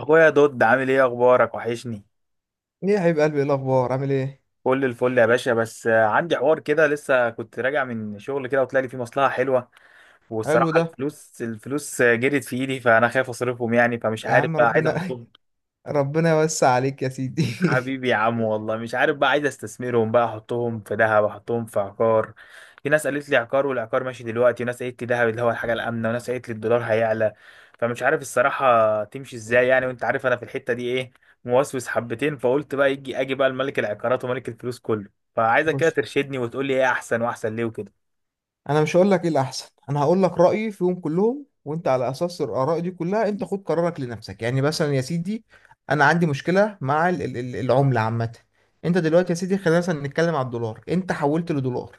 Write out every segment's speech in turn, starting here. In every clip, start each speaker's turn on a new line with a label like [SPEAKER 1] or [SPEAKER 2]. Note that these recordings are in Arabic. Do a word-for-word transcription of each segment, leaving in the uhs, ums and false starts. [SPEAKER 1] اخويا دود، عامل ايه؟ اخبارك؟ وحشني.
[SPEAKER 2] ايه يا حبيب قلبي، ايه الاخبار؟ عامل ايه؟
[SPEAKER 1] كل الفل يا باشا. بس آه، عندي حوار كده، لسه كنت راجع من شغل كده وطلع لي فيه مصلحة حلوة.
[SPEAKER 2] حلو
[SPEAKER 1] والصراحة
[SPEAKER 2] ده.
[SPEAKER 1] الفلوس الفلوس آه، جرت في ايدي، فانا خايف اصرفهم يعني، فمش
[SPEAKER 2] يا
[SPEAKER 1] عارف
[SPEAKER 2] عم
[SPEAKER 1] بقى عايز
[SPEAKER 2] ربنا
[SPEAKER 1] احطهم.
[SPEAKER 2] ربنا يوسع عليك يا سيدي.
[SPEAKER 1] حبيبي يا عم، والله مش عارف بقى، عايز استثمرهم بقى، احطهم في ذهب؟ احطهم في عقار؟ في ناس قالت لي عقار، والعقار ماشي دلوقتي، وناس قالت لي ذهب، اللي هو الحاجه الامنه، وناس قالت لي الدولار هيعلى. فمش عارف الصراحه تمشي ازاي يعني، وانت عارف انا في الحته دي ايه، موسوس حبتين. فقلت بقى يجي اجي بقى الملك العقارات وملك الفلوس كله. فعايزك كده
[SPEAKER 2] بص،
[SPEAKER 1] ترشدني وتقول لي ايه احسن، واحسن ليه، وكده.
[SPEAKER 2] انا مش هقول لك ايه الاحسن، انا هقول لك رايي فيهم كلهم وانت على اساس الاراء دي كلها انت خد قرارك لنفسك. يعني مثلا يا سيدي، انا عندي مشكله مع ال- ال- ال- العمله عامه. انت دلوقتي يا سيدي خلينا مثلا نتكلم على الدولار. انت حولت لدولار،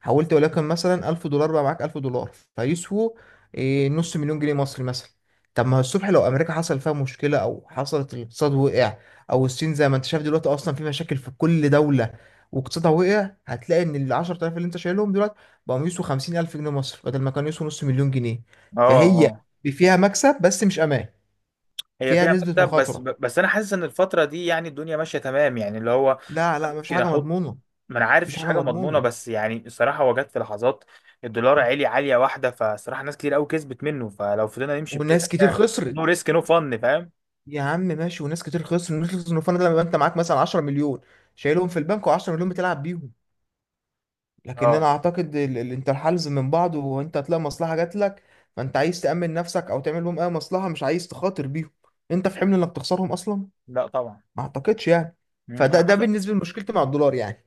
[SPEAKER 2] حولت ولكن مثلا ألف دولار. بقى معاك ألف دولار فيسووا إيه، نص مليون جنيه مصري مثلا. طب ما الصبح لو امريكا حصل فيها مشكله او حصلت الاقتصاد وقع، او الصين زي ما انت شايف دلوقتي اصلا في مشاكل في كل دوله واقتصادها وقع، هتلاقي ان ال عشرة آلاف اللي انت شايلهم دلوقتي بقوا يسوا خمسين ألف جنيه مصر بدل ما كانوا يسوا نص مليون جنيه.
[SPEAKER 1] اه.
[SPEAKER 2] فهي
[SPEAKER 1] اه.
[SPEAKER 2] فيها مكسب بس مش أمان،
[SPEAKER 1] هي
[SPEAKER 2] فيها
[SPEAKER 1] فيها
[SPEAKER 2] نسبة
[SPEAKER 1] مكتب، بس
[SPEAKER 2] مخاطرة.
[SPEAKER 1] بس انا حاسس ان الفتره دي يعني الدنيا ماشيه تمام، يعني اللي هو
[SPEAKER 2] لا لا، مفيش
[SPEAKER 1] ممكن
[SPEAKER 2] حاجة
[SPEAKER 1] احط.
[SPEAKER 2] مضمونة.
[SPEAKER 1] ما انا عارف
[SPEAKER 2] مفيش
[SPEAKER 1] مفيش
[SPEAKER 2] حاجة
[SPEAKER 1] حاجه مضمونه،
[SPEAKER 2] مضمونة
[SPEAKER 1] بس يعني الصراحه هو جت في لحظات الدولار عالي، عاليه واحده. فصراحه ناس كتير قوي كسبت منه، فلو فضلنا نمشي بكده،
[SPEAKER 2] وناس كتير
[SPEAKER 1] نو
[SPEAKER 2] خسرت.
[SPEAKER 1] ريسك نو فن، فاهم.
[SPEAKER 2] يا عم ماشي، وناس كتير خسرت. الناس اللي خسرت ده لما انت معاك مثلا 10 مليون شايلهم في البنك و10 مليون بتلعب بيهم. لكن انا
[SPEAKER 1] اه.
[SPEAKER 2] اعتقد ال- ال- انت الحلز من بعض وانت هتلاقي مصلحة جات لك. فانت عايز تأمن نفسك او تعمل لهم اي مصلحة، مش عايز تخاطر بيهم. انت في حمل انك تخسرهم اصلا؟
[SPEAKER 1] لا طبعا.
[SPEAKER 2] ما اعتقدش يعني.
[SPEAKER 1] مم. انا
[SPEAKER 2] فده ده
[SPEAKER 1] بص.
[SPEAKER 2] بالنسبة لمشكلتي مع الدولار يعني.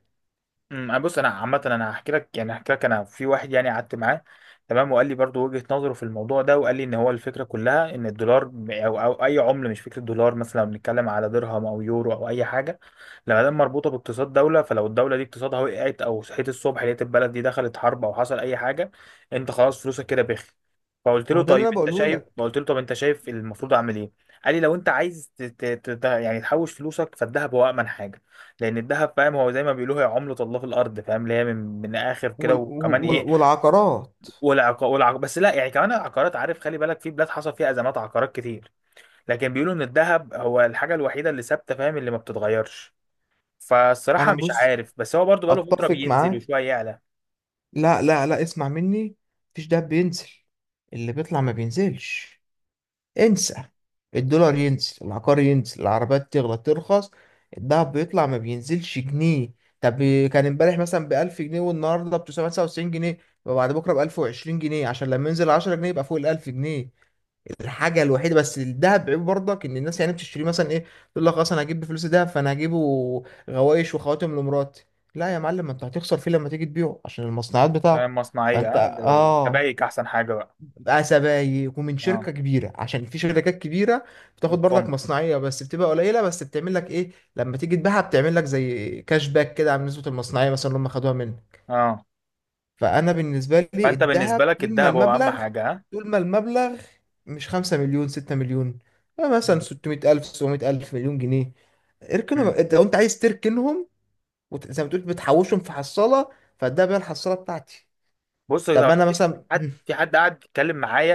[SPEAKER 1] امم بص، انا عامه انا هحكي لك، يعني هحكي لك انا في واحد يعني قعدت معاه، تمام، وقال لي برضو وجهه نظره في الموضوع ده، وقال لي ان هو الفكره كلها ان الدولار ب- او او اي عمله، مش فكره دولار، مثلا لو بنتكلم على درهم او يورو او اي حاجه. لما دام مربوطه باقتصاد دوله، فلو الدوله دي اقتصادها وقعت، او صحيت الصبح لقيت البلد دي دخلت حرب او حصل اي حاجه، انت خلاص فلوسك كده بخ. فقلت
[SPEAKER 2] ما
[SPEAKER 1] له
[SPEAKER 2] هو ده اللي
[SPEAKER 1] طيب
[SPEAKER 2] انا
[SPEAKER 1] انت
[SPEAKER 2] بقوله
[SPEAKER 1] شايف
[SPEAKER 2] لك.
[SPEAKER 1] قلت له طب انت شايف المفروض اعمل ايه. قال لي لو انت عايز ت... ت... ت... يعني تحوش فلوسك، فالذهب هو امن حاجه، لان الذهب فاهم هو زي ما بيقولوا هي عملة الله في الارض، فاهم، اللي هي من من اخر كده.
[SPEAKER 2] وال...
[SPEAKER 1] وكمان
[SPEAKER 2] وال...
[SPEAKER 1] ايه،
[SPEAKER 2] والعقارات.
[SPEAKER 1] والعق والعق بس لا، يعني كمان العقارات، عارف، خلي بالك في بلاد حصل فيها ازمات عقارات كتير، لكن بيقولوا ان الذهب هو الحاجة الوحيدة اللي ثابتة، فاهم، اللي ما بتتغيرش. فالصراحة
[SPEAKER 2] انا
[SPEAKER 1] مش
[SPEAKER 2] بص،
[SPEAKER 1] عارف، بس هو برضو بقاله فترة
[SPEAKER 2] اتفق
[SPEAKER 1] بينزل
[SPEAKER 2] معاك.
[SPEAKER 1] وشوية يعلى.
[SPEAKER 2] لا لا لا، اسمع مني، مفيش دهب بينزل. اللي بيطلع ما بينزلش. انسى. الدولار ينزل، العقار ينزل، العربيات تغلى ترخص، الدهب بيطلع ما بينزلش جنيه. طب، كان امبارح مثلا ب ألف جنيه والنهارده ب تسعمية وتسعة وتسعين جنيه وبعد بكره ب ألف وعشرين جنيه، عشان لما ينزل عشرة جنيه يبقى فوق ال ألف جنيه. الحاجه الوحيده بس الذهب عيب برضك ان الناس يعني بتشتريه مثلا ايه، تقول لك خلاص انا هجيب بفلوس الذهب، فانا هجيبه غوايش وخواتم لمراتي. لا يا معلم، ما انت هتخسر فيه لما تيجي تبيعه عشان المصنعات بتاعته.
[SPEAKER 1] فاهم، مصنعية.
[SPEAKER 2] فانت
[SPEAKER 1] اه،
[SPEAKER 2] اه،
[SPEAKER 1] الكبايك احسن حاجة بقى.
[SPEAKER 2] بقى سبايك ومن
[SPEAKER 1] اه.
[SPEAKER 2] شركه كبيره، عشان في شركات كبيره بتاخد برضك
[SPEAKER 1] بتخم.
[SPEAKER 2] مصنعيه بس بتبقى قليله، بس بتعمل لك ايه لما تيجي تبيعها، بتعمل لك زي كاش باك كده على نسبه المصنعيه مثلا اللي هم خدوها منك.
[SPEAKER 1] اه.
[SPEAKER 2] فانا بالنسبه لي
[SPEAKER 1] فانت
[SPEAKER 2] الذهب
[SPEAKER 1] بالنسبة لك
[SPEAKER 2] طول ما
[SPEAKER 1] الذهب هو اهم
[SPEAKER 2] المبلغ،
[SPEAKER 1] حاجة، ها؟
[SPEAKER 2] طول ما المبلغ مش خمسة مليون ستة مليون، آه، مثلا
[SPEAKER 1] مم.
[SPEAKER 2] ستمائة الف سبعمائة الف مليون جنيه، اركنهم.
[SPEAKER 1] مم.
[SPEAKER 2] انت لو انت عايز تركنهم وت- زي ما تقول بتحوشهم في حصاله، فالدهب هي الحصاله بتاعتي.
[SPEAKER 1] بص طبعا.
[SPEAKER 2] طب انا مثلا
[SPEAKER 1] حد
[SPEAKER 2] مم،
[SPEAKER 1] في حد قاعد يتكلم معايا،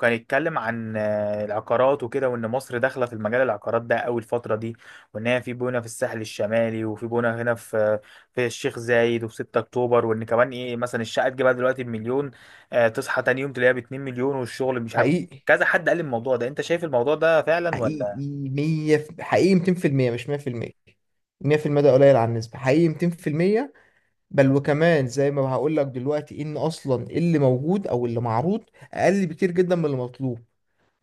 [SPEAKER 1] كان يتكلم عن آه، العقارات وكده، وان مصر داخله في المجال العقارات ده قوي الفتره دي، وان هي في بونه في الساحل الشمالي، وفي بونه هنا في في الشيخ زايد وفي ستة اكتوبر. وان كمان ايه، مثلا الشقه تجيبها دلوقتي بمليون، آه، تصحى تاني يوم تلاقيها ب اتنين مليون، والشغل مش عارف،
[SPEAKER 2] حقيقي.
[SPEAKER 1] كذا حد قال الموضوع ده. انت شايف الموضوع ده فعلا ولا؟
[SPEAKER 2] حقيقي مية في- حقيقي ميتين في المية، مش مية في المية. مية في المية ده قليل على النسبة، حقيقي ميتين في المية. بل وكمان زي ما هقول لك دلوقتي، ان اصلا اللي موجود او اللي معروض اقل بكتير جدا من اللي مطلوب.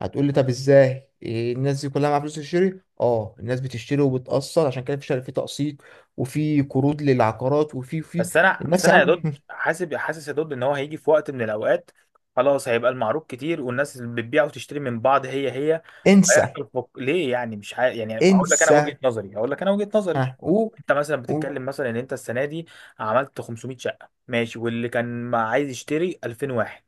[SPEAKER 2] هتقول لي طب ازاي؟ إيه الناس دي كلها معاها فلوس تشتري؟ اه، الناس بتشتري وبتقسط، عشان كده في شر- في تقسيط وفي قروض للعقارات وفي في
[SPEAKER 1] بس انا بس
[SPEAKER 2] الناس، يا
[SPEAKER 1] انا يا
[SPEAKER 2] عم
[SPEAKER 1] دود، حاسب حاسس يا دود، ان هو هيجي في وقت من الاوقات، خلاص هيبقى المعروض كتير، والناس اللي بتبيع وتشتري من بعض هي هي،
[SPEAKER 2] انسى
[SPEAKER 1] هيحصل فك... ليه يعني، مش ح... يعني هقول لك انا
[SPEAKER 2] انسى.
[SPEAKER 1] وجهة نظري. هقول لك انا وجهة نظري
[SPEAKER 2] ها قول،
[SPEAKER 1] انت مثلا
[SPEAKER 2] قول.
[SPEAKER 1] بتتكلم مثلا ان انت السنه دي عملت خمسمائة شقه، ماشي، واللي كان ما عايز يشتري الفين واحد،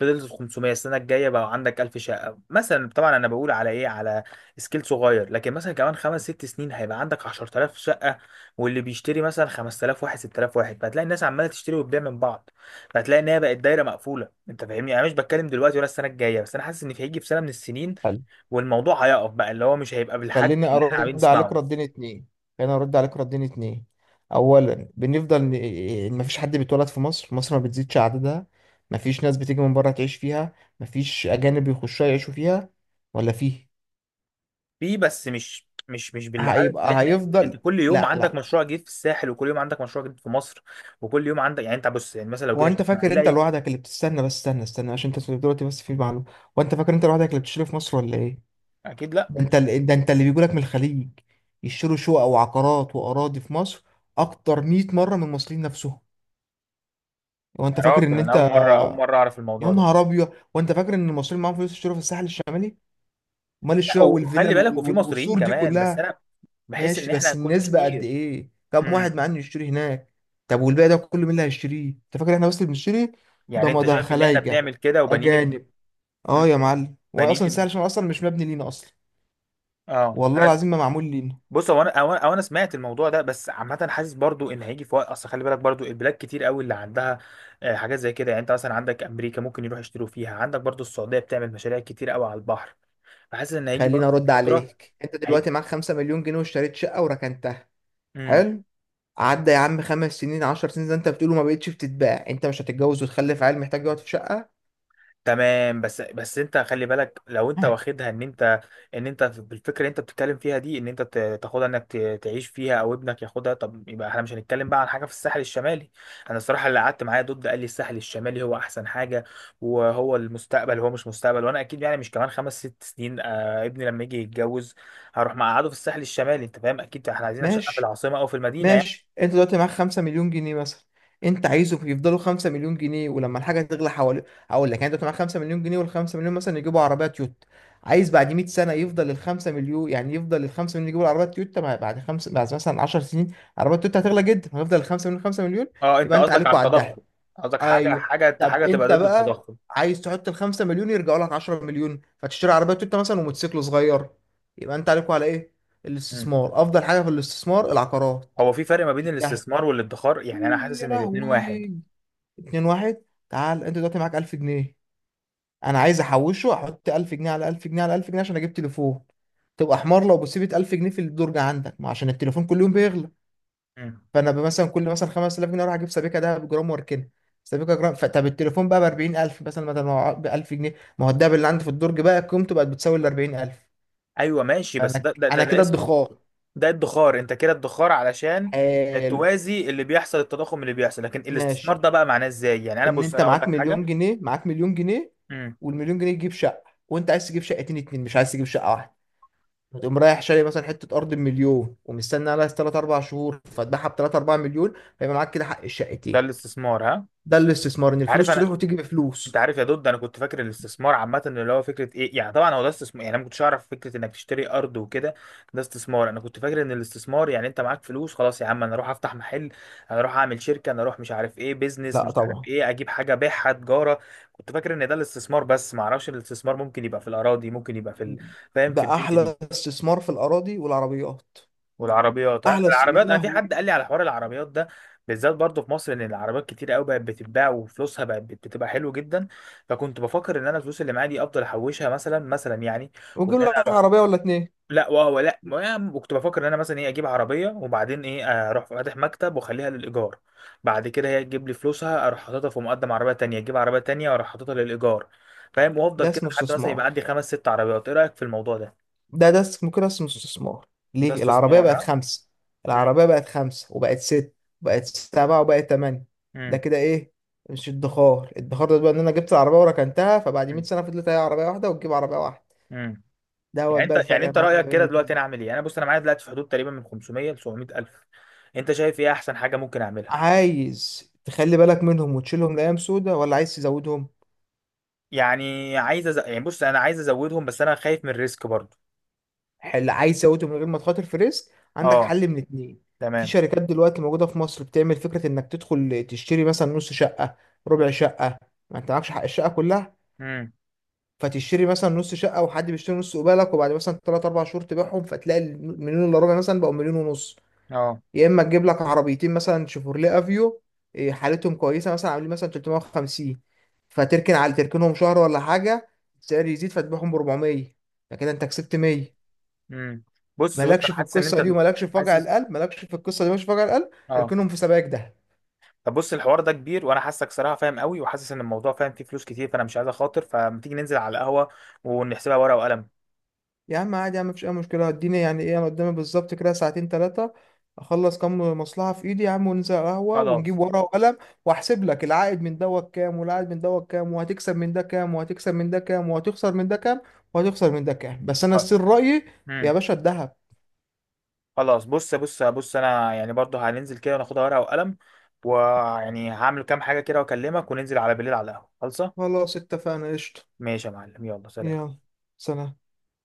[SPEAKER 1] فضلت خمسمية. السنه الجايه بقى عندك الف شقه مثلا، طبعا انا بقول على ايه، على سكيل صغير، لكن مثلا كمان خمس ست سنين هيبقى عندك عشر آلاف شقه، واللي بيشتري مثلا خمس آلاف واحد ستلاف واحد، فهتلاقي الناس عماله تشتري وتبيع من بعض، فهتلاقي ان هي بقت دايره مقفوله. انت فاهمني يعني، انا مش بتكلم دلوقتي ولا السنه الجايه، بس انا حاسس ان في هيجي في سنه من السنين
[SPEAKER 2] حلو.
[SPEAKER 1] والموضوع هيقف بقى، اللي هو مش هيبقى بالحجم
[SPEAKER 2] خليني
[SPEAKER 1] اللي احنا عايزين
[SPEAKER 2] ارد عليك
[SPEAKER 1] نسمعه.
[SPEAKER 2] ردين اتنين، خليني ارد عليك ردين اتنين. اولا، بنفضل ن- مفيش حد بيتولد في مصر، مصر ما بتزيدش عددها. مفيش ناس بتيجي من بره تعيش فيها، مفيش اجانب بيخشوا يعيشوا فيها، ولا فيه.
[SPEAKER 1] فيه، بس مش مش مش بالعدد اللي
[SPEAKER 2] هيبقى
[SPEAKER 1] احنا، انت
[SPEAKER 2] هيفضل،
[SPEAKER 1] كل يوم
[SPEAKER 2] لا
[SPEAKER 1] عندك
[SPEAKER 2] لا.
[SPEAKER 1] مشروع جديد في الساحل، وكل يوم عندك مشروع جديد في مصر، وكل يوم عندك، يعني انت بص، يعني مثلا لو جينا
[SPEAKER 2] وانت
[SPEAKER 1] شفنا
[SPEAKER 2] فاكر انت
[SPEAKER 1] هنلاقي.
[SPEAKER 2] لوحدك اللي بتستنى؟ بس استنى استنى عشان انت دلوقتي بس في معلومه. وانت فاكر انت لوحدك اللي بتشتري في مصر ولا ايه؟
[SPEAKER 1] اكيد لا.
[SPEAKER 2] ده انت اللي ده انت اللي بيجولك من الخليج يشتروا شقق وعقارات واراضي في مصر اكتر مية مره من المصريين نفسهم.
[SPEAKER 1] يا
[SPEAKER 2] وانت فاكر
[SPEAKER 1] راجل
[SPEAKER 2] ان
[SPEAKER 1] انا اول
[SPEAKER 2] انت،
[SPEAKER 1] مره اول مره اعرف
[SPEAKER 2] يا
[SPEAKER 1] الموضوع ده.
[SPEAKER 2] نهار ابيض، وانت فاكر ان المصريين معاهم فلوس يشتروا في الساحل الشمالي؟ امال
[SPEAKER 1] لا،
[SPEAKER 2] الشقق
[SPEAKER 1] وخلي
[SPEAKER 2] والفيلل
[SPEAKER 1] بالك،
[SPEAKER 2] وال-
[SPEAKER 1] وفي مصريين
[SPEAKER 2] والقصور دي
[SPEAKER 1] كمان، بس
[SPEAKER 2] كلها؟
[SPEAKER 1] انا بحس ان
[SPEAKER 2] ماشي،
[SPEAKER 1] احنا
[SPEAKER 2] بس
[SPEAKER 1] كل
[SPEAKER 2] النسبه قد
[SPEAKER 1] كتير.
[SPEAKER 2] ايه؟ كم
[SPEAKER 1] امم
[SPEAKER 2] واحد معاه انه يشتري هناك؟ طب والباقي ده كله مين اللي هيشتريه؟ انت فاكر احنا بس اللي بنشتري؟ ده
[SPEAKER 1] يعني
[SPEAKER 2] ما
[SPEAKER 1] انت
[SPEAKER 2] ده
[SPEAKER 1] شايف ان احنا
[SPEAKER 2] خلايجه،
[SPEAKER 1] بنعمل كده وبنين؟
[SPEAKER 2] اجانب. اه
[SPEAKER 1] مم.
[SPEAKER 2] يا معلم، هو
[SPEAKER 1] بنين.
[SPEAKER 2] اصلا سهل عشان هو اصلا مش مبني لينا اصلا.
[SPEAKER 1] اه،
[SPEAKER 2] والله
[SPEAKER 1] انا
[SPEAKER 2] العظيم ما معمول لينا.
[SPEAKER 1] بص، هو انا او انا أو أنا سمعت الموضوع ده، بس عامه حاسس برضو ان هيجي في وقت، اصل خلي بالك برضو البلاد كتير قوي اللي عندها آه، حاجات زي كده، يعني انت مثلا عندك امريكا ممكن يروح يشتروا فيها، عندك برضو السعوديه بتعمل مشاريع كتير قوي على البحر، فحاسس ان هيجي
[SPEAKER 2] خليني
[SPEAKER 1] برضو
[SPEAKER 2] ارد
[SPEAKER 1] فتره.
[SPEAKER 2] عليك، انت
[SPEAKER 1] هيجي.
[SPEAKER 2] دلوقتي معاك خمسة مليون جنيه واشتريت شقه وركنتها.
[SPEAKER 1] مم.
[SPEAKER 2] حلو. عدى يا عم خمس سنين عشر سنين زي انت بتقوله، ما بقتش بتتباع؟ انت مش هتتجوز وتخلف عيل محتاج يقعد في شقه؟
[SPEAKER 1] تمام، بس بس انت خلي بالك، لو انت واخدها ان انت ان انت بالفكره اللي انت بتتكلم فيها دي، ان انت ت- تاخدها، انك ت- تعيش فيها او ابنك ياخدها، طب يبقى احنا مش هنتكلم بقى عن حاجه في الساحل الشمالي. انا الصراحه اللي قعدت معايا ضد قال لي الساحل الشمالي هو احسن حاجه وهو المستقبل. هو مش مستقبل، وانا اكيد يعني مش كمان خمس ست سنين آه، ابني لما يجي يتجوز هروح مقعده في الساحل الشمالي، انت فاهم؟ اكيد احنا عايزين شقه في
[SPEAKER 2] ماشي
[SPEAKER 1] العاصمه او في المدينه يعني.
[SPEAKER 2] ماشي. انت دلوقتي معاك خمسة مليون جنيه مثلا، انت عايزه يفضلوا خمسة مليون جنيه ولما الحاجه تغلى حوالي. هقول لك، يعني انت دلوقتي معاك خمسة مليون جنيه وال خمسة مليون مثلا يجيبوا عربيه تويوتا، عايز بعد مية سنه يفضل ال خمسة مليون يعني يفضل ال خمسة مليون يجيبوا العربيه تويوتا. ما بعد خمس بعد مثلا عشر سنين عربيه تويوتا هتغلى جدا، هيفضل ال خمسة مليون خمسة مليون؟
[SPEAKER 1] اه، انت
[SPEAKER 2] يبقى انت
[SPEAKER 1] قصدك
[SPEAKER 2] عليك
[SPEAKER 1] على
[SPEAKER 2] وعدها.
[SPEAKER 1] التضخم، قصدك حاجه
[SPEAKER 2] ايوه.
[SPEAKER 1] حاجه
[SPEAKER 2] طب
[SPEAKER 1] حاجه تبقى
[SPEAKER 2] انت
[SPEAKER 1] ضد
[SPEAKER 2] بقى
[SPEAKER 1] التضخم.
[SPEAKER 2] عايز تحط ال خمسة مليون يرجعوا لك عشرة مليون فتشتري عربيه تويوتا مثلا وموتوسيكل صغير؟ يبقى انت عليكوا على ايه؟ الاستثمار. افضل حاجه في الاستثمار العقارات.
[SPEAKER 1] هو في فرق ما بين
[SPEAKER 2] ده
[SPEAKER 1] الاستثمار والادخار؟ يعني انا
[SPEAKER 2] إيه
[SPEAKER 1] حاسس
[SPEAKER 2] يا
[SPEAKER 1] ان الاتنين
[SPEAKER 2] لهوي.
[SPEAKER 1] واحد.
[SPEAKER 2] اتنين واحد. تعال، انت دلوقتي معاك ألف جنيه، انا عايز احوشه احط ألف جنيه على ألف جنيه على ألف جنيه عشان اجيب تليفون. تبقى حمار لو بسيبت ألف جنيه في الدرج عندك، ما عشان التليفون كل يوم بيغلى.
[SPEAKER 1] مم.
[SPEAKER 2] فانا ب- مثلا كل مثلا خمسة آلاف جنيه اروح اجيب سبيكه ده بجرام واركنها، سبيكه جرام. فطب التليفون بقى ب أربعين ألف مثلا بدل ما ب ألف جنيه، ما هو الدهب اللي عندي في الدرج بقى قيمته بقت بتساوي ال أربعين ألف.
[SPEAKER 1] ايوه، ماشي، بس
[SPEAKER 2] فانا
[SPEAKER 1] ده ده ده,
[SPEAKER 2] انا
[SPEAKER 1] ده
[SPEAKER 2] كده
[SPEAKER 1] اسمه،
[SPEAKER 2] ادخار.
[SPEAKER 1] ده ادخار، انت كده ادخار علشان
[SPEAKER 2] حلو.
[SPEAKER 1] توازي اللي بيحصل التضخم اللي بيحصل، لكن الاستثمار
[SPEAKER 2] ماشي.
[SPEAKER 1] ده بقى معناه ازاي؟ يعني انا
[SPEAKER 2] ان
[SPEAKER 1] بص،
[SPEAKER 2] انت
[SPEAKER 1] انا اقول
[SPEAKER 2] معاك
[SPEAKER 1] لك
[SPEAKER 2] مليون
[SPEAKER 1] حاجه.
[SPEAKER 2] جنيه، معاك مليون جنيه
[SPEAKER 1] مم.
[SPEAKER 2] والمليون جنيه تجيب شقه وانت عايز تجيب شقتين اتنين مش عايز تجيب شقه واحده، فتقوم رايح شاري مثلا حته ارض بمليون ومستني عليها تلاتة أربعة شهور فتبيعها ب تلاتة أربعة مليون، فيبقى معاك كده حق الشقتين.
[SPEAKER 1] ده الاستثمار، ها؟
[SPEAKER 2] ده الاستثمار، ان
[SPEAKER 1] عارف
[SPEAKER 2] الفلوس
[SPEAKER 1] انا
[SPEAKER 2] تروح وتيجي
[SPEAKER 1] انت
[SPEAKER 2] بفلوس.
[SPEAKER 1] عارف يا دود، انا كنت فاكر الاستثمار عامه اللي هو فكره ايه، يعني طبعا هو ده استثمار، يعني انا ما كنتش اعرف فكره انك تشتري ارض وكده ده استثمار. انا كنت فاكر ان الاستثمار يعني انت معاك فلوس خلاص، يا عم انا اروح افتح محل، انا اروح اعمل شركه، انا اروح مش عارف ايه بيزنس،
[SPEAKER 2] لا
[SPEAKER 1] مش عارف
[SPEAKER 2] طبعا.
[SPEAKER 1] ايه، اجيب حاجه ابيعها تجاره. كنت فاكر ان ده الاستثمار، بس ما اعرفش ان الاستثمار ممكن يبقى في الاراضي، ممكن يبقى في ال- فاهم، في
[SPEAKER 2] ده
[SPEAKER 1] الدنيا دي.
[SPEAKER 2] احلى استثمار في الاراضي والعربيات.
[SPEAKER 1] والعربيات، آه،
[SPEAKER 2] احلى س... يا
[SPEAKER 1] العربيات، انا في
[SPEAKER 2] لهوي،
[SPEAKER 1] حد قال لي على حوار العربيات ده بالذات برضه في مصر، ان العربيات كتير قوي بقت بتتباع، وفلوسها بقت بت- بتبقى حلوه جدا. فكنت بفكر ان انا الفلوس اللي معايا دي افضل احوشها مثلا، مثلا يعني. وان
[SPEAKER 2] وتجيب
[SPEAKER 1] انا
[SPEAKER 2] لك
[SPEAKER 1] اروح
[SPEAKER 2] عربيه ولا اتنين.
[SPEAKER 1] لا وهو لا ما- وكنت بفكر ان انا مثلا ايه اجيب عربيه، وبعدين ايه، اروح فاتح مكتب واخليها للايجار، بعد كده هي تجيب لي فلوسها، اروح حاططها في مقدم عربيه تانية، اجيب عربيه تانية واروح حاططها للايجار، فاهم، وافضل
[SPEAKER 2] ده
[SPEAKER 1] كده
[SPEAKER 2] اسمه
[SPEAKER 1] لحد مثلا يبقى
[SPEAKER 2] استثمار.
[SPEAKER 1] عندي خمس ست عربيات. ايه رايك في الموضوع ده؟
[SPEAKER 2] ده ده است- ممكن اسمه استثمار.
[SPEAKER 1] ده
[SPEAKER 2] ليه العربية
[SPEAKER 1] استثمار،
[SPEAKER 2] بقت
[SPEAKER 1] ها؟
[SPEAKER 2] خمسة؟
[SPEAKER 1] امم.
[SPEAKER 2] العربية بقت خمسة وبقت ست وبقت سبعة وبقت تمانية، ده
[SPEAKER 1] امم.
[SPEAKER 2] كده ايه؟ مش ادخار. الادخار ده بقى ان انا جبت العربية وركنتها فبعد مية
[SPEAKER 1] امم،
[SPEAKER 2] سنة فضلت هي عربية واحدة وتجيب عربية واحدة.
[SPEAKER 1] امم.
[SPEAKER 2] ده هو
[SPEAKER 1] يعني
[SPEAKER 2] بقى
[SPEAKER 1] انت
[SPEAKER 2] الفرق
[SPEAKER 1] يعني
[SPEAKER 2] يا
[SPEAKER 1] انت
[SPEAKER 2] معلم
[SPEAKER 1] رايك
[SPEAKER 2] بين
[SPEAKER 1] كده دلوقتي انا
[SPEAKER 2] الاتنين.
[SPEAKER 1] اعمل ايه؟ انا بص انا معايا دلوقتي في حدود تقريبا من خمسمية ل سبعمية الف، انت شايف ايه احسن حاجه ممكن اعملها؟
[SPEAKER 2] عايز تخلي بالك منهم وتشيلهم لأيام سودة ولا عايز تزودهم؟
[SPEAKER 1] يعني عايز أز... يعني بص، انا عايز ازودهم، بس انا خايف من الريسك برضو.
[SPEAKER 2] حل. عايز تزودهم من غير ما تخاطر في ريسك؟ عندك
[SPEAKER 1] اه.
[SPEAKER 2] حل من اتنين. في
[SPEAKER 1] تمام.
[SPEAKER 2] شركات دلوقتي موجودة في مصر بتعمل فكرة انك تدخل تشتري مثلا نص شقة، ربع شقة، ما انت معكش حق الشقة كلها،
[SPEAKER 1] امم.
[SPEAKER 2] فتشتري مثلا نص شقه وحد بيشتري نص قبالك وبعد مثلا تلاتة أربعة شهور تبيعهم، فتلاقي المليون الا ربع مثلا بقوا مليون ونص.
[SPEAKER 1] اه.
[SPEAKER 2] يا اما تجيب لك عربيتين مثلا شيفورليه افيو، إيه، حالتهم كويسه مثلا عاملين مثلا ثلاثمية وخمسين، فتركن على تركنهم شهر ولا حاجه، السعر يزيد فتبيعهم ب اربعمية، فكده انت كسبت مية.
[SPEAKER 1] امم. بص بص
[SPEAKER 2] مالكش
[SPEAKER 1] انا
[SPEAKER 2] في
[SPEAKER 1] حاسس ان
[SPEAKER 2] القصه
[SPEAKER 1] انت
[SPEAKER 2] دي، ومالكش في وجع
[SPEAKER 1] حاسس.
[SPEAKER 2] القلب. مالكش في القصه دي، مالكش في وجع القلب.
[SPEAKER 1] اه.
[SPEAKER 2] اركنهم في سبائك ده.
[SPEAKER 1] طب بص الحوار ده كبير، وانا حاسسك صراحه فاهم قوي، وحاسس ان الموضوع فاهم فيه فلوس كتير، فانا مش عايز اخاطر، فما تيجي ننزل على القهوه ونحسبها ورقه وقلم.
[SPEAKER 2] يا عم عادي، يا عم مفيش اي مشكله، اديني يعني ايه انا قدامي بالظبط كده ساعتين ثلاثه، اخلص كام مصلحه في ايدي يا عم وننزل على القهوه ونجيب
[SPEAKER 1] خلاص.
[SPEAKER 2] ورقه وقلم واحسب لك العائد من دوت كام والعائد من دوت كام، وهتكسب من ده كام وهتكسب من ده كام، وهتخسر من ده كام وهتخسر من ده كام. بس انا السر رايي يا
[SPEAKER 1] امم.
[SPEAKER 2] باشا الذهب.
[SPEAKER 1] خلاص، بص بص بص انا يعني برضو هننزل كده وناخدها ورقه وقلم، ويعني هعمل كام حاجه كده واكلمك، وننزل على بالليل على القهوه خلصه.
[SPEAKER 2] خلاص اتفقنا قشطه.
[SPEAKER 1] ماشي يا معلم، يلا سلام.
[SPEAKER 2] يلا سلام.